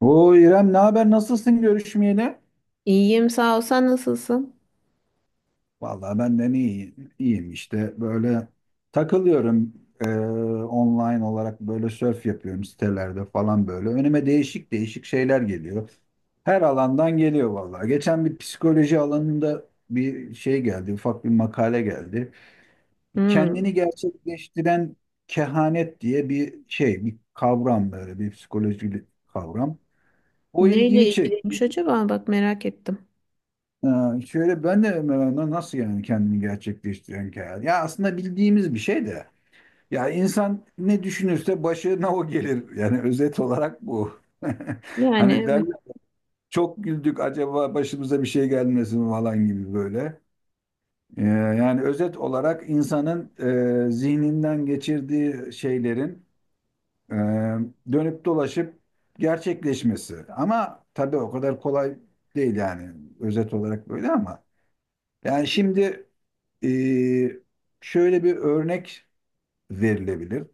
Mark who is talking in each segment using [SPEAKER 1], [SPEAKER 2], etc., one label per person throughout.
[SPEAKER 1] O İrem, ne haber, nasılsın görüşmeyeli?
[SPEAKER 2] İyiyim sağ ol. Sen nasılsın?
[SPEAKER 1] Vallahi ben de iyi, iyiyim işte böyle takılıyorum. Online olarak böyle surf yapıyorum sitelerde falan böyle. Önüme değişik değişik şeyler geliyor. Her alandan geliyor vallahi. Geçen bir psikoloji alanında bir şey geldi, ufak bir makale geldi. Kendini
[SPEAKER 2] Hmm.
[SPEAKER 1] gerçekleştiren kehanet diye bir şey, bir kavram, böyle bir psikolojik kavram. O
[SPEAKER 2] Neyle
[SPEAKER 1] ilgimi çekti.
[SPEAKER 2] ilgiliymiş acaba? Bak merak ettim.
[SPEAKER 1] Şöyle, ben de mesela, nasıl yani kendini gerçekleştiren karar? Ya aslında bildiğimiz bir şey de. Ya insan ne düşünürse başına o gelir. Yani özet olarak bu.
[SPEAKER 2] Yani
[SPEAKER 1] Hani
[SPEAKER 2] evet.
[SPEAKER 1] derler, çok güldük, acaba başımıza bir şey gelmesin falan gibi böyle. Yani özet olarak insanın zihninden geçirdiği şeylerin e, dönüp dolaşıp gerçekleşmesi. Ama tabii o kadar kolay değil yani, özet olarak böyle ama. Yani şimdi Ee, şöyle bir örnek verilebilir.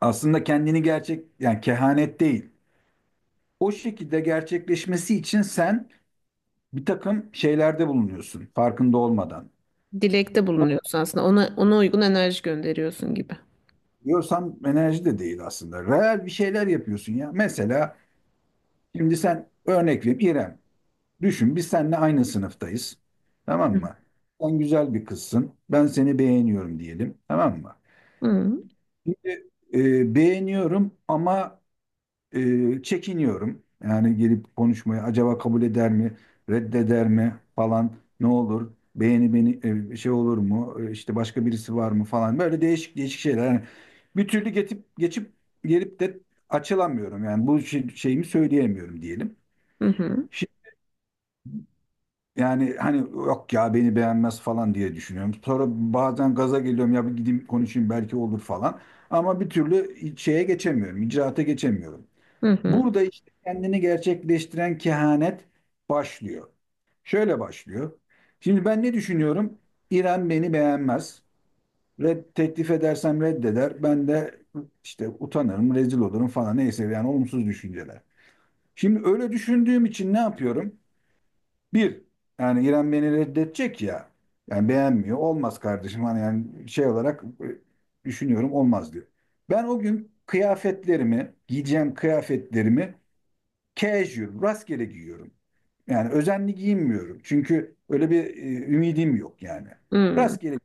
[SPEAKER 1] Aslında kendini gerçek, yani kehanet değil. O şekilde gerçekleşmesi için sen bir takım şeylerde bulunuyorsun farkında olmadan.
[SPEAKER 2] Dilekte
[SPEAKER 1] Ama
[SPEAKER 2] bulunuyorsun aslında. Ona, ona uygun enerji gönderiyorsun gibi.
[SPEAKER 1] diyorsam enerji de değil aslında. Real bir şeyler yapıyorsun ya. Mesela şimdi sen, örnek vereyim İrem. Düşün, biz seninle aynı sınıftayız. Tamam
[SPEAKER 2] Hı
[SPEAKER 1] mı? Sen güzel bir kızsın. Ben seni beğeniyorum diyelim. Tamam mı?
[SPEAKER 2] hı
[SPEAKER 1] Şimdi beğeniyorum ama çekiniyorum. Yani gelip konuşmaya, acaba kabul eder mi, reddeder mi falan, ne olur? Beğeni beni şey olur mu? E, işte başka birisi var mı falan. Böyle değişik değişik şeyler. Yani bir türlü geçip geçip gelip de açılamıyorum. Yani bu şeyimi söyleyemiyorum diyelim.
[SPEAKER 2] hı
[SPEAKER 1] Şi- Yani hani yok ya, beni beğenmez falan diye düşünüyorum. Sonra bazen gaza geliyorum, ya bir gideyim konuşayım belki olur falan. Ama bir türlü şeye geçemiyorum, icraata geçemiyorum.
[SPEAKER 2] hı hı.
[SPEAKER 1] Burada işte kendini gerçekleştiren kehanet başlıyor. Şöyle başlıyor. Şimdi ben ne düşünüyorum? İrem beni beğenmez. Red, teklif edersem reddeder. Ben de işte utanırım, rezil olurum falan, neyse yani olumsuz düşünceler. Şimdi öyle düşündüğüm için ne yapıyorum? Bir, yani İrem beni reddedecek ya. Yani beğenmiyor. Olmaz kardeşim. Hani yani şey olarak düşünüyorum, olmaz diyor. Ben o gün kıyafetlerimi, giyeceğim kıyafetlerimi casual, rastgele giyiyorum. Yani özenli giyinmiyorum. Çünkü öyle bir ümidim yok yani.
[SPEAKER 2] Hı.
[SPEAKER 1] Rastgele.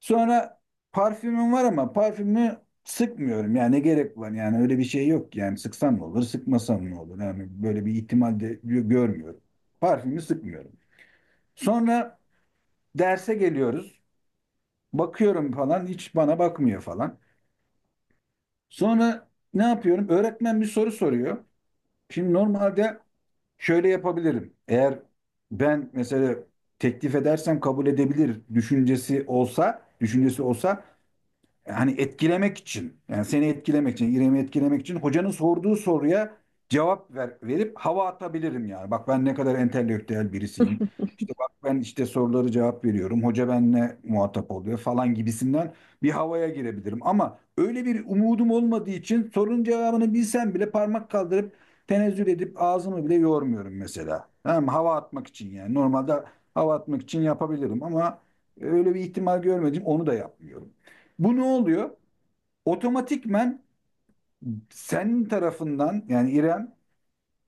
[SPEAKER 1] Sonra parfümüm var ama parfümü sıkmıyorum. Yani ne gerek var? Yani öyle bir şey yok. Yani sıksam ne olur, sıkmasam ne olur? Yani böyle bir ihtimal de görmüyorum. Parfümü sıkmıyorum. Sonra derse geliyoruz. Bakıyorum falan, hiç bana bakmıyor falan. Sonra ne yapıyorum? Öğretmen bir soru soruyor. Şimdi normalde şöyle yapabilirim. Eğer ben mesela teklif edersem kabul edebilir düşüncesi olsa, hani etkilemek için, yani seni etkilemek için, İrem'i etkilemek için, hocanın sorduğu soruya cevap verip hava atabilirim yani. Bak ben ne kadar entelektüel birisiyim. İşte bak, ben işte soruları cevap veriyorum, hoca benimle muhatap oluyor falan gibisinden bir havaya girebilirim. Ama öyle bir umudum olmadığı için sorunun cevabını bilsem bile parmak kaldırıp tenezzül edip ağzımı bile yormuyorum mesela. Tamam mı? Hava atmak için yani. Normalde hava atmak için yapabilirim ama öyle bir ihtimal görmedim. Onu da yapmıyorum. Bu ne oluyor? Otomatikmen senin tarafından, yani İrem,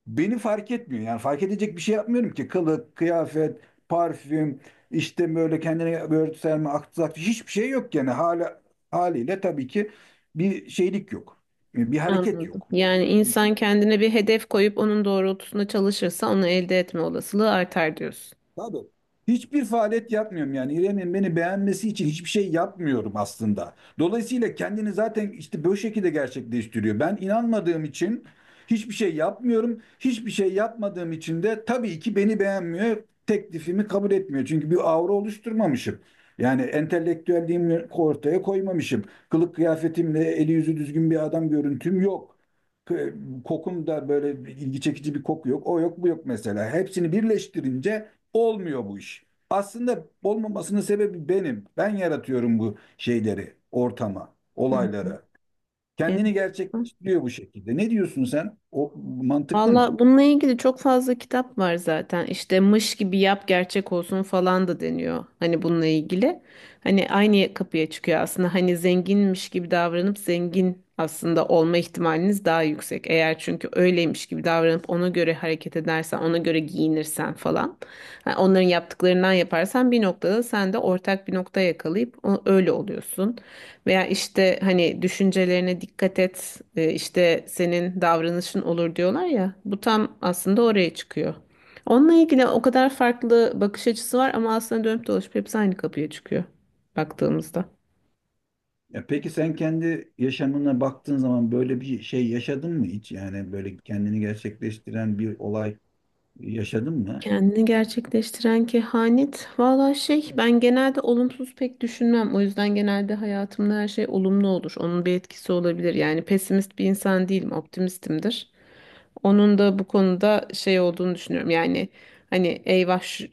[SPEAKER 1] beni fark etmiyor. Yani fark edecek bir şey yapmıyorum ki. Kılık, kıyafet, parfüm, işte böyle kendine böyle örtüselme, aksak hiçbir şey yok yani. Hala, haliyle tabii ki bir şeylik yok. Bir hareket
[SPEAKER 2] Anladım.
[SPEAKER 1] yok.
[SPEAKER 2] Yani insan kendine bir hedef koyup onun doğrultusunda çalışırsa onu elde etme olasılığı artar diyorsun.
[SPEAKER 1] Tabii. Hiçbir faaliyet yapmıyorum yani, İrem'in beni beğenmesi için hiçbir şey yapmıyorum aslında. Dolayısıyla kendini zaten işte böyle şekilde gerçekleştiriyor. Ben inanmadığım için hiçbir şey yapmıyorum. Hiçbir şey yapmadığım için de tabii ki beni beğenmiyor. Teklifimi kabul etmiyor. Çünkü bir aura oluşturmamışım. Yani entelektüelliğimi ortaya koymamışım. Kılık kıyafetimle eli yüzü düzgün bir adam görüntüm yok. K- Kokum da böyle, ilgi çekici bir koku yok. O yok, bu yok mesela. Hepsini birleştirince olmuyor bu iş. Aslında olmamasının sebebi benim. Ben yaratıyorum bu şeyleri, ortama,
[SPEAKER 2] Hı hı.
[SPEAKER 1] olaylara. Kendini
[SPEAKER 2] Enteresan.
[SPEAKER 1] gerçekleştiriyor bu şekilde. Ne diyorsun sen? O mantıklı mı?
[SPEAKER 2] Valla bununla ilgili çok fazla kitap var zaten. İşte mış gibi yap gerçek olsun falan da deniyor. Hani bununla ilgili. Hani aynı kapıya çıkıyor aslında. Hani zenginmiş gibi davranıp zengin aslında olma ihtimaliniz daha yüksek. Eğer çünkü öyleymiş gibi davranıp ona göre hareket edersen, ona göre giyinirsen falan. Ha, onların yaptıklarından yaparsan bir noktada sen de ortak bir nokta yakalayıp öyle oluyorsun. Veya işte hani düşüncelerine dikkat et, işte senin davranışın olur diyorlar ya. Bu tam aslında oraya çıkıyor. Onunla ilgili o kadar farklı bakış açısı var ama aslında dönüp dolaşıp hepsi aynı kapıya çıkıyor baktığımızda.
[SPEAKER 1] Ya peki, sen kendi yaşamına baktığın zaman böyle bir şey yaşadın mı hiç? Yani böyle kendini gerçekleştiren bir olay yaşadın mı?
[SPEAKER 2] Kendini gerçekleştiren kehanet. Valla şey ben genelde olumsuz pek düşünmem. O yüzden genelde hayatımda her şey olumlu olur. Onun bir etkisi olabilir. Yani pesimist bir insan değilim, optimistimdir. Onun da bu konuda şey olduğunu düşünüyorum. Yani hani eyvah şu,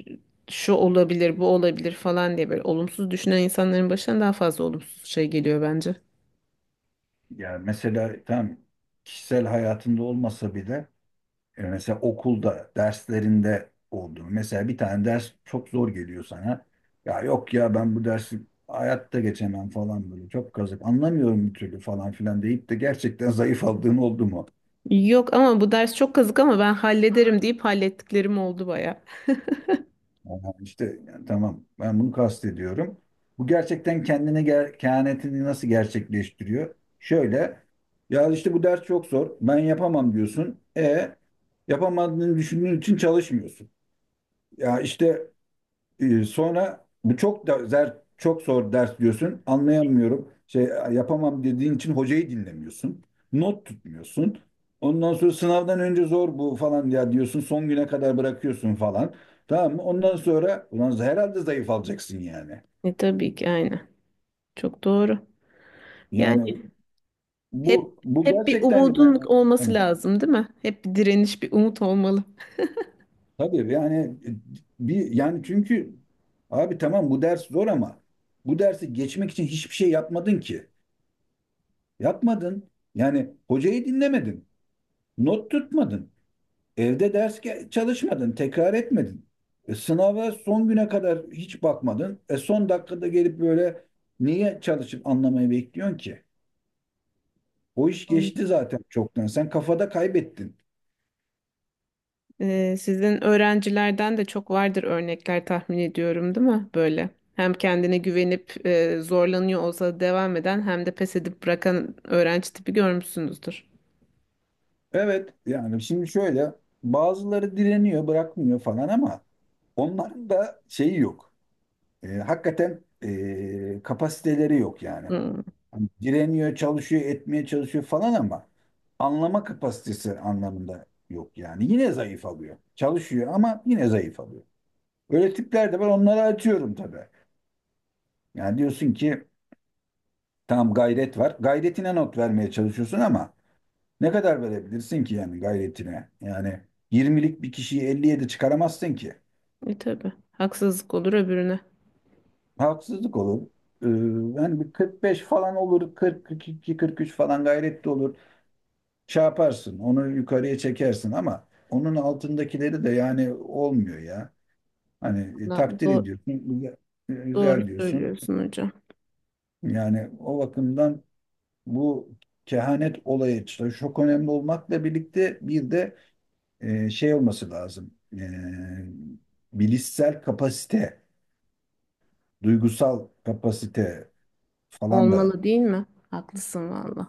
[SPEAKER 2] şu olabilir, bu olabilir falan diye böyle olumsuz düşünen insanların başına daha fazla olumsuz şey geliyor bence.
[SPEAKER 1] Yani mesela tam kişisel hayatında olmasa bile, e, mesela okulda, derslerinde olduğunu. Mesela bir tane ders çok zor geliyor sana. Ya yok ya, ben bu dersi hayatta geçemem falan böyle. Çok kazık. Anlamıyorum bir türlü falan filan deyip de gerçekten zayıf aldığın oldu mu?
[SPEAKER 2] Yok ama bu ders çok kazık ama ben hallederim deyip hallettiklerim oldu baya.
[SPEAKER 1] Aha, işte yani tamam, ben bunu kastediyorum. Bu gerçekten kendine ger kehanetini nasıl gerçekleştiriyor? Şöyle, ya işte bu ders çok zor. Ben yapamam diyorsun. E, yapamadığını düşündüğün için çalışmıyorsun. Ya işte sonra bu çok da zer, çok zor ders diyorsun. Anlayamıyorum. Şey yapamam dediğin için hocayı dinlemiyorsun. Not tutmuyorsun. Ondan sonra sınavdan önce zor bu falan ya diyorsun. Son güne kadar bırakıyorsun falan. Tamam mı? Ondan sonra ulan herhalde zayıf alacaksın yani.
[SPEAKER 2] E tabii ki aynen. Çok doğru. Yani
[SPEAKER 1] Yani
[SPEAKER 2] hep
[SPEAKER 1] bu
[SPEAKER 2] hep bir
[SPEAKER 1] gerçekten yani,
[SPEAKER 2] umudun olması
[SPEAKER 1] evet.
[SPEAKER 2] lazım, değil mi? Hep bir direniş, bir umut olmalı.
[SPEAKER 1] Tabii yani, e, bir yani, çünkü abi tamam bu ders zor ama bu dersi geçmek için hiçbir şey yapmadın ki. Yapmadın. Yani hocayı dinlemedin. Not tutmadın. Evde ders çalışmadın. Tekrar etmedin. E, sınava son güne kadar hiç bakmadın. E, son dakikada gelip böyle niye çalışıp anlamayı bekliyorsun ki? O iş geçti zaten çoktan. Sen kafada kaybettin.
[SPEAKER 2] Sizin öğrencilerden de çok vardır örnekler tahmin ediyorum, değil mi? Böyle. Hem kendine güvenip zorlanıyor olsa devam eden hem de pes edip bırakan öğrenci tipi görmüşsünüzdür.
[SPEAKER 1] Evet yani şimdi şöyle, bazıları direniyor, bırakmıyor falan ama onların da şeyi yok. E, hakikaten e, kapasiteleri yok yani.
[SPEAKER 2] Hmm.
[SPEAKER 1] Hani direniyor, çalışıyor, etmeye çalışıyor falan ama anlama kapasitesi anlamında yok yani. Yine zayıf alıyor. Çalışıyor ama yine zayıf alıyor. Öyle tipler de var, onları atıyorum tabii. Yani diyorsun ki tamam, gayret var. Gayretine not vermeye çalışıyorsun ama ne kadar verebilirsin ki yani gayretine? Yani 20'lik bir kişiyi 57 çıkaramazsın ki.
[SPEAKER 2] E tabii. Haksızlık olur öbürüne.
[SPEAKER 1] Haksızlık olur. Ee, yani bir 45 falan olur, 42, 43 falan gayretli olur. Şey yaparsın, onu yukarıya çekersin ama onun altındakileri de yani olmuyor ya. Hani e,
[SPEAKER 2] Valla
[SPEAKER 1] takdir ediyorsun, güzel,
[SPEAKER 2] doğru
[SPEAKER 1] güzel diyorsun.
[SPEAKER 2] söylüyorsun hocam.
[SPEAKER 1] Yani o bakımdan bu kehanet olayı işte çok önemli olmakla birlikte bir de şey olması lazım. E, bilişsel kapasite, duygusal kapasite falan da
[SPEAKER 2] Olmalı değil mi? Haklısın valla.